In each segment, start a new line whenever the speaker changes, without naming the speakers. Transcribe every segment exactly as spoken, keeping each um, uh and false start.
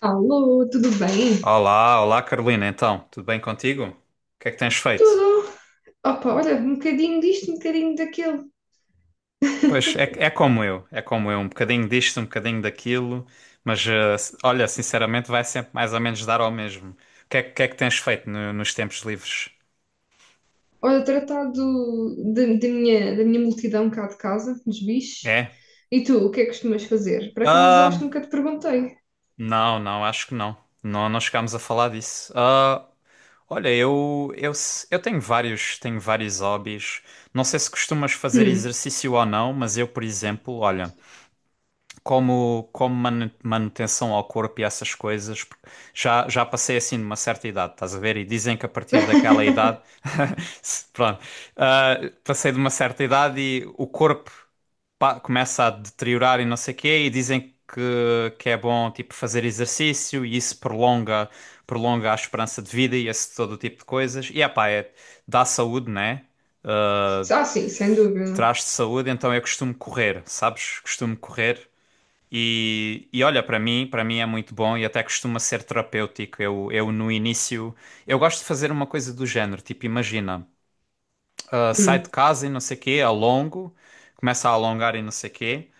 Alô, tudo bem?
Olá, olá Carolina, então, tudo bem contigo? O que é que tens feito?
Tudo. Opa, olha, um bocadinho disto, um bocadinho daquilo.
Pois é, é como eu, é como eu, um bocadinho disto, um bocadinho daquilo, mas eh, s- olha, sinceramente vai sempre mais ou menos dar ao mesmo. O que é, que que é que tens feito no- nos tempos livres?
Olha, tratar do, da, da minha, da minha multidão cá de casa, dos bichos.
É?
E tu, o que é que costumas fazer? Por acaso, acho
Ah,
que nunca te perguntei.
não, não, acho que não. Não, não chegámos a falar disso. Ah, olha, eu, eu, s- eu tenho vários, tenho vários hobbies. Não sei se costumas fazer
Hum.
exercício ou não, mas eu, por exemplo, olha. Como, como manu- manutenção ao corpo e essas coisas, porque já, já passei assim numa certa idade, estás a ver? E dizem que a partir daquela idade, se- pronto, ah, passei de uma certa idade e o corpo pá, começa a deteriorar e não sei o quê, e dizem que, que é bom tipo fazer exercício e isso prolonga, prolonga a esperança de vida e esse todo tipo de coisas. E epá, é, dá saúde, né? Ah,
Ah, sim, sem dúvida.
traz-te saúde, então eu costumo correr, sabes? Costumo correr. E, e olha, para mim, para mim é muito bom e até costuma ser terapêutico. Eu, eu no início, eu gosto de fazer uma coisa do género, tipo, imagina, ah, sai de
Hum.
casa e não sei quê, alongo, começa a alongar e não sei quê.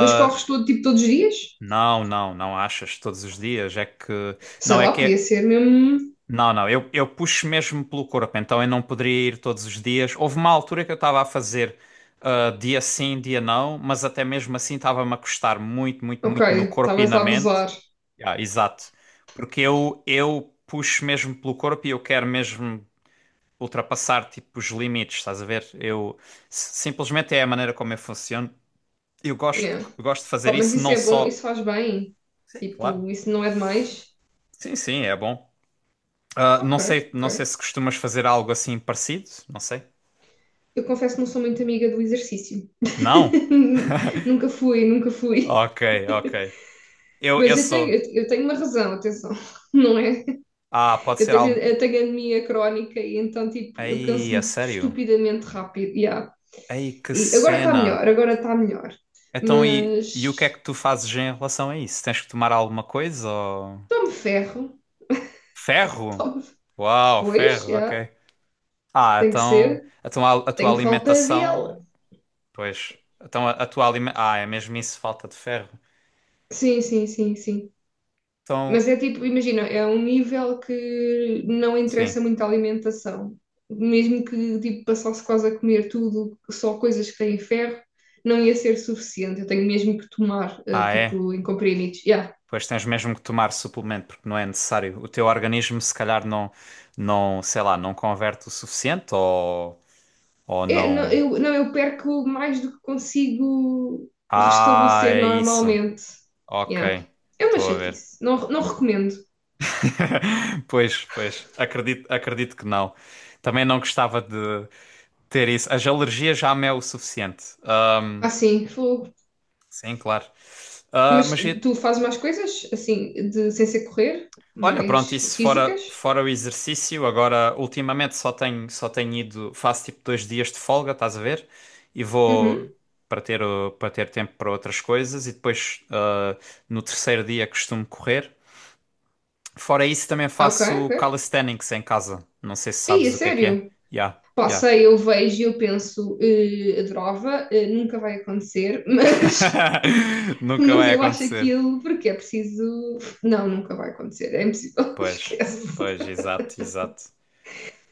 Mas corres todo, tipo, todos os dias?
Não, não, não achas todos os dias, é que
Sei
não é
lá,
que
podia
é.
ser mesmo... um.
Não, não, eu, eu puxo mesmo pelo corpo, então eu não poderia ir todos os dias. Houve uma altura que eu estava a fazer ah, dia sim, dia não, mas até mesmo assim estava-me a custar muito, muito,
Ok,
muito no corpo e
estavas
na
a
mente.
abusar.
Ah, exato, porque eu, eu puxo mesmo pelo corpo e eu quero mesmo ultrapassar tipo os limites, estás a ver? Eu s- simplesmente é a maneira como eu funciono. Eu gosto,
Yeah.
gosto de fazer
Pá, mas
isso
isso
não
é bom,
só.
isso faz bem.
Sim, claro.
Tipo, isso não é demais?
Sim, sim, é bom. Ah, não
Ok,
sei, não sei
ok.
se costumas fazer algo assim parecido, não sei.
Eu confesso que não sou muito amiga do exercício.
Não?
Nunca fui, nunca fui.
Ok, ok. Eu, eu
Mas eu tenho,
sou.
eu tenho uma razão, atenção, não é?
Ah, pode
Eu
ser
tenho,
algo.
eu tenho anemia crónica e então, tipo, eu
Ei, a
canso-me
sério?
estupidamente rápido. Yeah.
Ei, que
E agora está
cena.
melhor, agora está melhor.
Então, e, e o que é
Mas
que tu fazes em relação a isso? Tens que tomar alguma coisa ou...
tome ferro,
Ferro?
tome.
Uau,
Pois,
ferro,
já,
ok. Ah,
tem que
então
ser.
a tua, a tua
Tenho falta dele.
alimentação. Pois. Então a, a tua alimentação. Ah, é mesmo isso, falta de ferro.
Sim, sim, sim, sim. Mas
Então,
é tipo, imagina, é um nível que não
sim.
interessa muito a alimentação. Mesmo que tipo, passasse quase a comer tudo, só coisas que têm ferro, não ia ser suficiente. Eu tenho mesmo que tomar, eh,
Ah, é?
tipo, em comprimidos. Yeah.
Pois tens mesmo que tomar suplemento porque não é necessário. O teu organismo se calhar não, não, sei lá, não converte o suficiente ou, ou
É, não,
não.
eu, não, eu perco mais do que consigo
Ah,
restabelecer
é isso.
normalmente. Yeah.
Ok,
É uma
estou a ver.
chatice. Não, não recomendo.
Pois, pois, acredito, acredito que não. Também não gostava de ter isso. As alergias já me é o suficiente. Ah,
Assim, fogo.
sim, claro. Ah,
Mas
mas e-
tu fazes mais coisas, assim, de, sem ser correr,
Olha,
mais
pronto, isso
físicas?
fora, fora o exercício, agora ultimamente só tenho, só tenho ido, faço tipo dois dias de folga, estás a ver? E
Uhum.
vou para ter, o- para ter tempo para outras coisas e depois ah, no terceiro dia costumo correr. Fora isso também
Ok,
faço
ok.
calisthenics em casa. Não sei se
Aí, é
sabes o que é que é.
sério.
Já,
Pá,
já.
sei, eu vejo e eu penso, eh, adorava, eh, nunca vai acontecer, mas,
Nunca
mas
vai
eu acho
acontecer.
aquilo porque é preciso. Não, nunca vai acontecer, é impossível,
Pois,
esquece.
pois, exato, exato.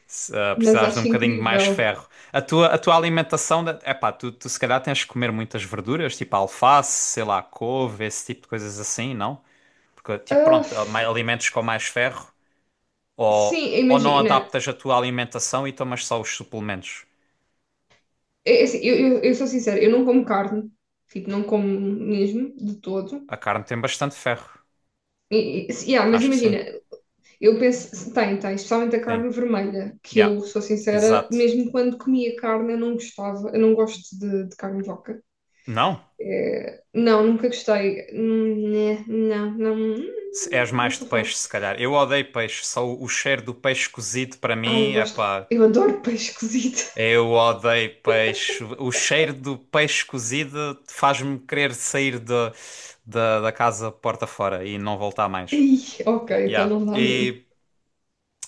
Se ah,
Mas
precisares de um
acho
bocadinho de mais
incrível.
ferro. A tua, a tua alimentação, é epá, tu, tu se calhar tens que comer muitas verduras, tipo alface, sei lá, couve, esse tipo de coisas assim, não? Porque, tipo,
Ah,
pronto, há
f-
mai- alimentos com mais ferro, ou,
sim,
ou não
imagina.
adaptas a tua alimentação e tomas só os suplementos.
É é assim, eu, eu, eu sou sincera, eu não como carne, tipo, não como mesmo, de todo.
A carne tem bastante ferro,
E, e, se- yeah, mas
acho que sim,
imagina, eu penso, tem, tem, especialmente a
sim,
carne vermelha, que
yeah,
eu sou sincera,
exato.
mesmo quando comia carne eu não gostava, eu não gosto de, de carne de vaca.
Não?
É, não, nunca gostei. Hum, né? Não, não,
Se- És
hum, não
mais de
sou fã.
peixe, se calhar. Eu odeio peixe, só o o cheiro do peixe cozido para
Ah, eu
mim, é
gosto,
epá.
eu adoro peixe cozido.
Eu odeio peixe. O cheiro do peixe cozido faz-me querer sair da da da casa porta fora e não voltar mais.
Ih, ok, então
Yeah.
não dá mesmo.
E,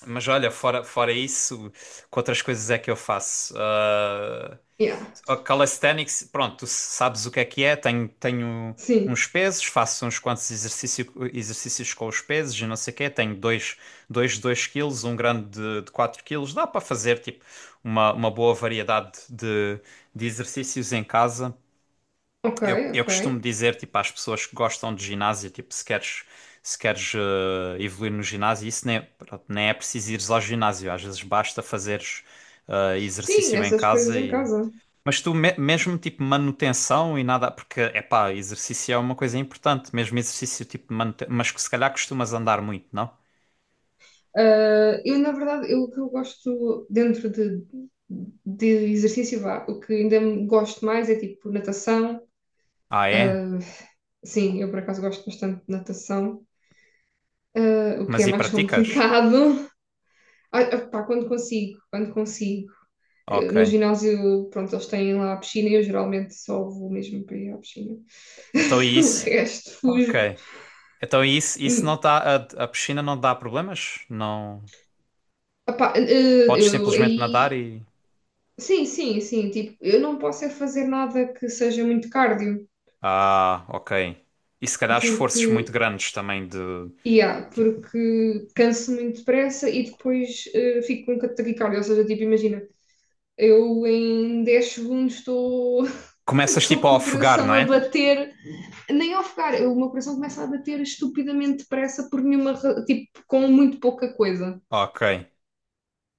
mas olha, fora, fora isso, que outras coisas é que eu faço? Ah,
Yeah,
a Calisthenics, pronto, tu sabes o que é que é. Tenho, tenho
sim,
uns pesos, faço uns quantos exercício, exercícios com os pesos e não sei o quê. Tenho dois, dois, dois quilos, um grande de, de quatro quilos. Dá para fazer tipo uma, uma boa variedade de, de exercícios em casa.
ok,
Eu, eu
ok.
costumo dizer tipo às pessoas que gostam de ginásio, tipo se queres, se queres eh, evoluir no ginásio, isso nem, é- pronto, nem é preciso ires ao ginásio. Às vezes basta fazeres eh,
Sim,
exercício em
essas coisas
casa
em
e
casa.
mas tu, me- mesmo tipo manutenção e nada, porque epá, exercício é uma coisa importante, mesmo exercício tipo de manutenção, mas que se calhar costumas andar muito, não?
Ah, eu, na verdade, eu, o que eu gosto dentro de, de exercício, vá, o que ainda me gosto mais é tipo natação.
Ah, é?
Ah, sim, eu por acaso gosto bastante de natação, ah, o que
Mas
é
e
mais
praticas?
complicado. Ah, ah, pá, quando consigo, quando consigo. Ah, no
Ok.
ginásio, pronto, eles têm lá a piscina e eu geralmente só vou mesmo para ir à piscina.
Então e
O
isso?
resto fujo.
Ok. Então e isso, isso não
Hum,
dá, a, a piscina não dá problemas? Não.
Opá, eh,
Podes
eu
simplesmente nadar
aí...
e.
Sim, sim, sim. Tipo, eu não posso é fazer nada que seja muito cardio,
Ah, ok. E se calhar esforços muito
porque,
grandes também de.
yeah,
Tipo,
porque canso muito depressa e depois eh, fico com um taquicardia. Ou seja, tipo, imagina, eu em dez segundos estou
começas
estou
tipo a
com o
ofegar,
coração
não
a
é?
bater, nem a ofegar, eu- o meu coração começa a bater estupidamente depressa por nenhuma, ra- tipo, com muito pouca coisa.
Ok.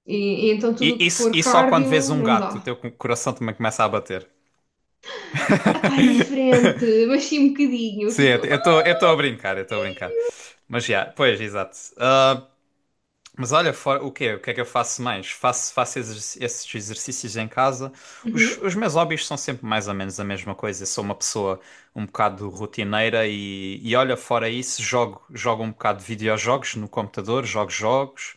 E, e então tudo
E,
o que
isso
for
e só quando vês
cardio,
um
não
gato, o
dá.
teu coração também começa a bater.
Epá, é diferente, mas sim um bocadinho, eu
Sim,
fico logo.
eu
"Ah!"
estou eu estou a brincar, eu estou a brincar. Mas já, pois, exato. Ah, mas olha, fora, o quê? O que é que eu faço mais? Faço, faço exerc- esses exercícios em casa. Os,
Uhum.
os meus hobbies são sempre mais ou menos a mesma coisa. Eu sou uma pessoa um bocado rotineira e, e olha, fora isso, jogo, jogo um bocado de videojogos no computador, jogo jogos.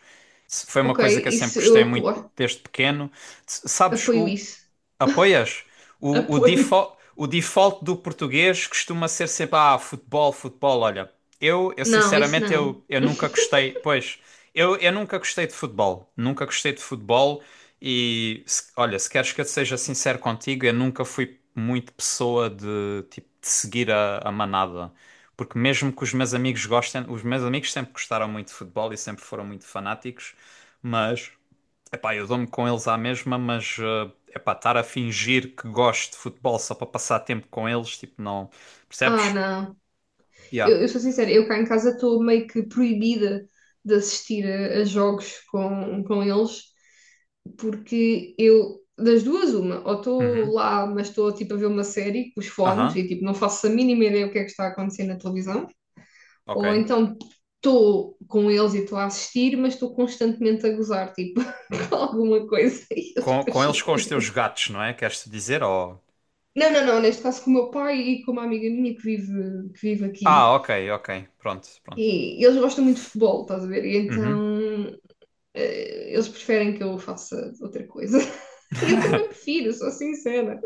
Foi uma
Ok,
coisa que eu sempre
isso
gostei
eu
muito
apoio,
desde pequeno. S- Sabes,
apoio
o.
isso.
Apoias? O, o,
Apoio.
default, o default do português costuma ser sempre, ah, futebol, futebol, olha. Eu, eu
Não, isso
sinceramente,
não.
eu, eu nunca gostei, pois, eu, eu nunca gostei de futebol. Nunca gostei de futebol e, se- olha, se queres que eu seja sincero contigo, eu nunca fui muito pessoa de, tipo, de seguir a, a manada. Porque mesmo que os meus amigos gostem, os meus amigos sempre gostaram muito de futebol e sempre foram muito fanáticos, mas... Epá, eu dou-me com eles à mesma, mas eh, epá, estar a fingir que gosto de futebol só para passar tempo com eles, tipo, não.
Ah,
Percebes?
não.
Yeah.
Eu, eu sou sincera, eu cá em casa estou meio que proibida de assistir a, a jogos com, com eles, porque eu, das duas, uma, ou estou
Uhum.
lá, mas estou tipo a ver uma série com os fones
Aham.
e tipo não faço a mínima ideia o que é que está a acontecer na televisão, ou
Ok.
então estou com eles e estou a assistir, mas estou constantemente a gozar, tipo, com alguma coisa e eles
Com,
depois
com eles, com os teus
chateiam.
gatos, não é? Queres te dizer? Ou...
Não, não, não, neste caso com o meu pai e com uma amiga minha que vive, que vive aqui.
Ah, ok, ok. Pronto, pronto.
E eles gostam muito de futebol, estás a ver? E
Uhum.
então, eh, eles preferem que eu faça outra coisa. E eu também prefiro, sou sincera.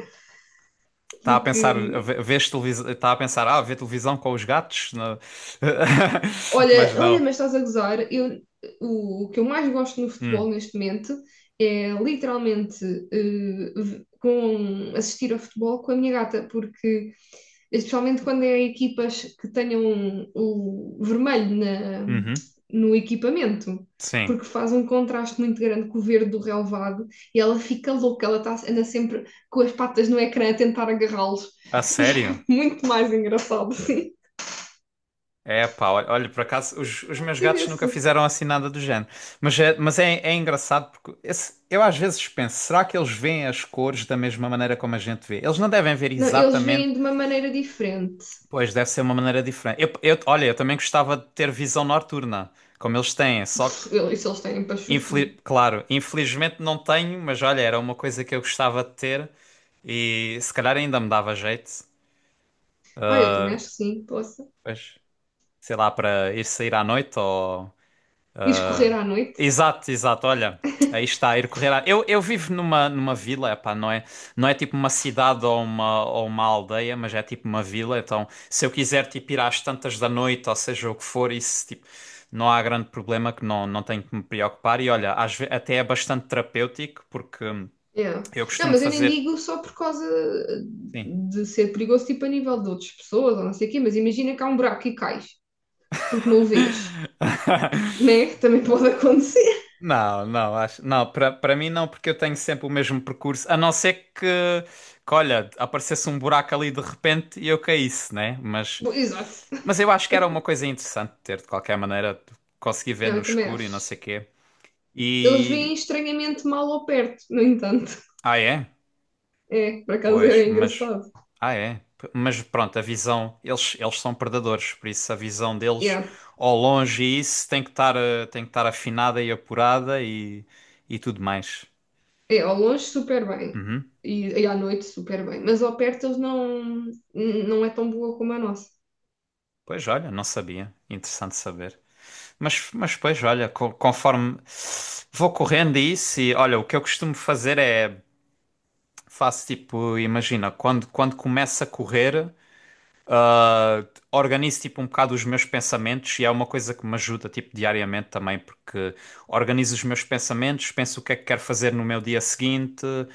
Está a
Porque,
pensar, a ve- vês televisão, está a pensar, ah, ver televisão com os gatos? Não.
olha,
Mas não.
olha, mas estás a gozar, eu, o, o que eu mais gosto no futebol
Hum.
neste momento é literalmente, eh, v- com, assistir ao futebol com a minha gata, porque especialmente quando é equipas que tenham o vermelho na-
Uhum.
no equipamento,
Sim.
porque faz um contraste muito grande com o verde do relevado e ela fica louca, ela tá, anda sempre com as patas no ecrã a tentar agarrá-los
A
e
sério?
é muito mais engraçado, sim.
É, pá, olha, olha, por acaso os, os meus
Se
gatos nunca
vê-se.
fizeram assim nada do género. Mas é, mas é, é engraçado porque esse- eu às vezes penso, será que eles veem as cores da mesma maneira como a gente vê? Eles não devem ver
Não, eles
exatamente,
veem de uma maneira diferente.
pois deve ser uma maneira diferente. Eu, eu- olha, eu também gostava de ter visão noturna, como eles têm, só que,
Isso eles têm para chuchu.
infeli- claro, infelizmente não tenho, mas olha, era uma coisa que eu gostava de ter e se calhar ainda me dava jeito,
Ah, eu também acho que sim, possa.
pois, sei lá, para ir sair à noite ou.
E escorrer à noite.
Exato, exato. Olha, aí está, ir correr. À... Eu, eu vivo numa, numa vila, epá, não é, não é tipo uma cidade ou uma, ou uma aldeia, mas é tipo uma vila. Então, se eu quiser tipo, ir às tantas da noite, ou seja, o que for, isso tipo, não há grande problema que não, não tenho que me preocupar. E olha, às ve- até é bastante terapêutico, porque hum,
Yeah.
eu
Não,
costumo
mas eu nem
fazer.
digo só por causa
Sim.
de ser perigoso, tipo a nível de outras pessoas ou não sei o quê, mas imagina que há um buraco e cais, porque não o vês, né? Também pode acontecer.
Não, não, acho, não, para para mim não, porque eu tenho sempre o mesmo percurso, a não ser que, que, olha, aparecesse um buraco ali de repente e eu caísse, né? Mas,
Bom, exato.
mas eu acho que era uma coisa interessante ter, de qualquer maneira, conseguir ver
Não,
no
eu também
escuro e não sei
acho.
quê.
Eles veem
E,
estranhamente mal ao perto, no entanto.
ah é?
É, por acaso
Pois,
é
mas,
engraçado.
ah é? P- Mas pronto, a visão, eles, eles são predadores, por isso a visão deles
Yeah.
ao longe e isso tem que estar, eh, tem que estar afinada e apurada e, e tudo mais.
É, ao longe super bem.
Uhum.
E, e à noite super bem. Mas ao perto eles não, não é tão boa como a nossa.
Pois olha, não sabia. Interessante saber. Mas, mas pois olha, co- conforme vou correndo a isso e olha, o que eu costumo fazer é faço tipo, imagina, quando, quando começo a correr. Uh, organizo tipo um bocado os meus pensamentos e é uma coisa que me ajuda tipo diariamente também porque organizo os meus pensamentos, penso o que é que quero fazer no meu dia seguinte, uh,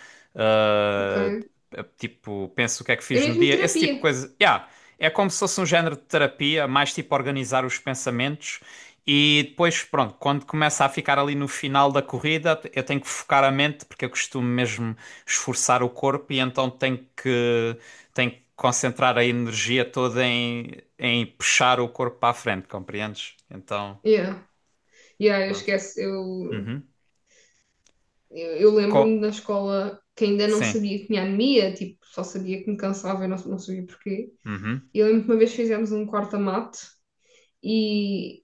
Ok?
tipo penso o que é que
É
fiz no
mesmo
dia, esse tipo de
terapia.
coisa. Yeah, é como se fosse um género de terapia, mais tipo organizar os pensamentos e depois pronto, quando começa a ficar ali no final da corrida, eu tenho que focar a mente porque eu costumo mesmo esforçar o corpo e então tenho que tem que concentrar a energia toda em, em puxar o corpo para a frente, compreendes? Então,
Yeah. Yeah, eu
pronto.
esqueço. Eu
Uhum.
Eu, eu lembro-me
Co-
na escola que ainda não
Sim.
sabia que tinha anemia, tipo, só sabia que me cansava e não, não sabia porquê.
Uhum.
E eu lembro que uma vez fizemos um corta-mate e,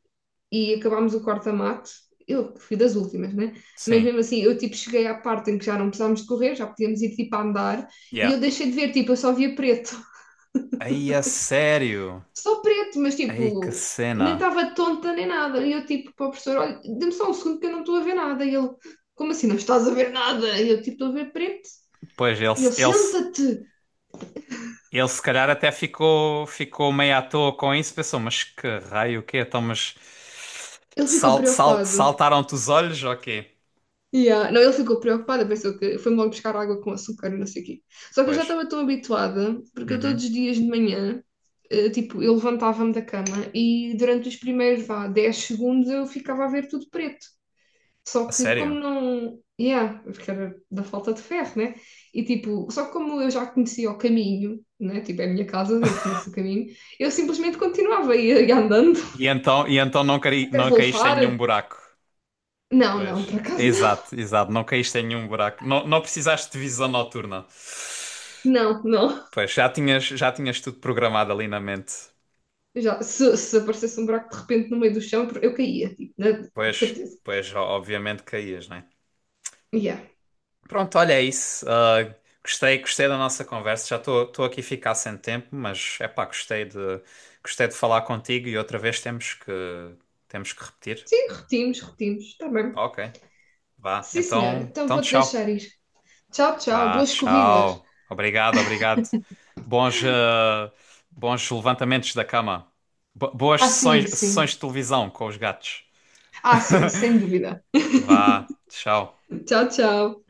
e acabámos o corta-mate. Eu fui das últimas, né? Mas
Sim.
mesmo assim, eu tipo cheguei à parte em que já não precisávamos de correr, já podíamos ir tipo a andar e
Yeah.
eu deixei de ver, tipo, eu só via preto.
Aí, a sério?
Só preto, mas
Aí, que
tipo, nem
cena.
estava tonta nem nada. E eu tipo, para o professor, olha, dê-me só um segundo que eu não estou a ver nada. E ele, como assim não estás a ver nada? E eu tipo, estou a ver preto.
Pois, ele,
E ele,
se- ele, se-
senta-te!
ele se calhar até ficou, ficou meio à toa com isso, pensou, mas que raio, o quê? Então, mas
Ele ficou
sal, sal,
preocupado.
saltaram-te os olhos ou quê?
Yeah. Não, ele ficou preocupado, pensou que foi logo buscar água com açúcar e não sei o quê. Só que eu já
Pois.
estava tão habituada, porque eu todos
Uhum.
os dias de manhã, eh, tipo, eu levantava-me da cama e durante os primeiros, vá, dez segundos eu ficava a ver tudo preto.
A
Só que como
sério?
não... Yeah, porque era da falta de ferro, né? E tipo, só que como eu já conhecia o caminho, né? Tipo, é a minha casa, eu conheço o caminho, eu simplesmente continuava a ir
E,
andando
e então, e então não, caí,
até
não caíste em
voltar.
nenhum buraco?
Não, não,
Pois.
por acaso não.
Exato, exato. Não caíste em nenhum buraco. Não, não precisaste de visão noturna.
Não, não.
Pois, já tinhas, já tinhas tudo programado ali na mente.
Eu Já, se, se aparecesse um buraco de repente no meio do chão, eu caía, tipo, na- de
Pois,
certeza.
pois, o- obviamente caías, né?
Yeah.
Pronto, olha, é isso. Ah, gostei, gostei da nossa conversa. Já estou aqui a ficar sem tempo, mas é pá, gostei de, gostei de falar contigo e outra vez temos que, temos que repetir.
Sim, repetimos, repetimos, está bem.
Ok, vá.
Sim, senhora,
Então,
então
então
vou-te
tchau.
deixar ir. Tchau, tchau,
Vá,
boas corridas.
tchau. Obrigado, obrigado. Bons, eh, bons levantamentos da cama. Bo- boas
Ah,
sessões,
sim,
sessões
sim.
de televisão com os gatos.
Ah, sim, sem dúvida.
Vá, tchau.
Tchau, tchau.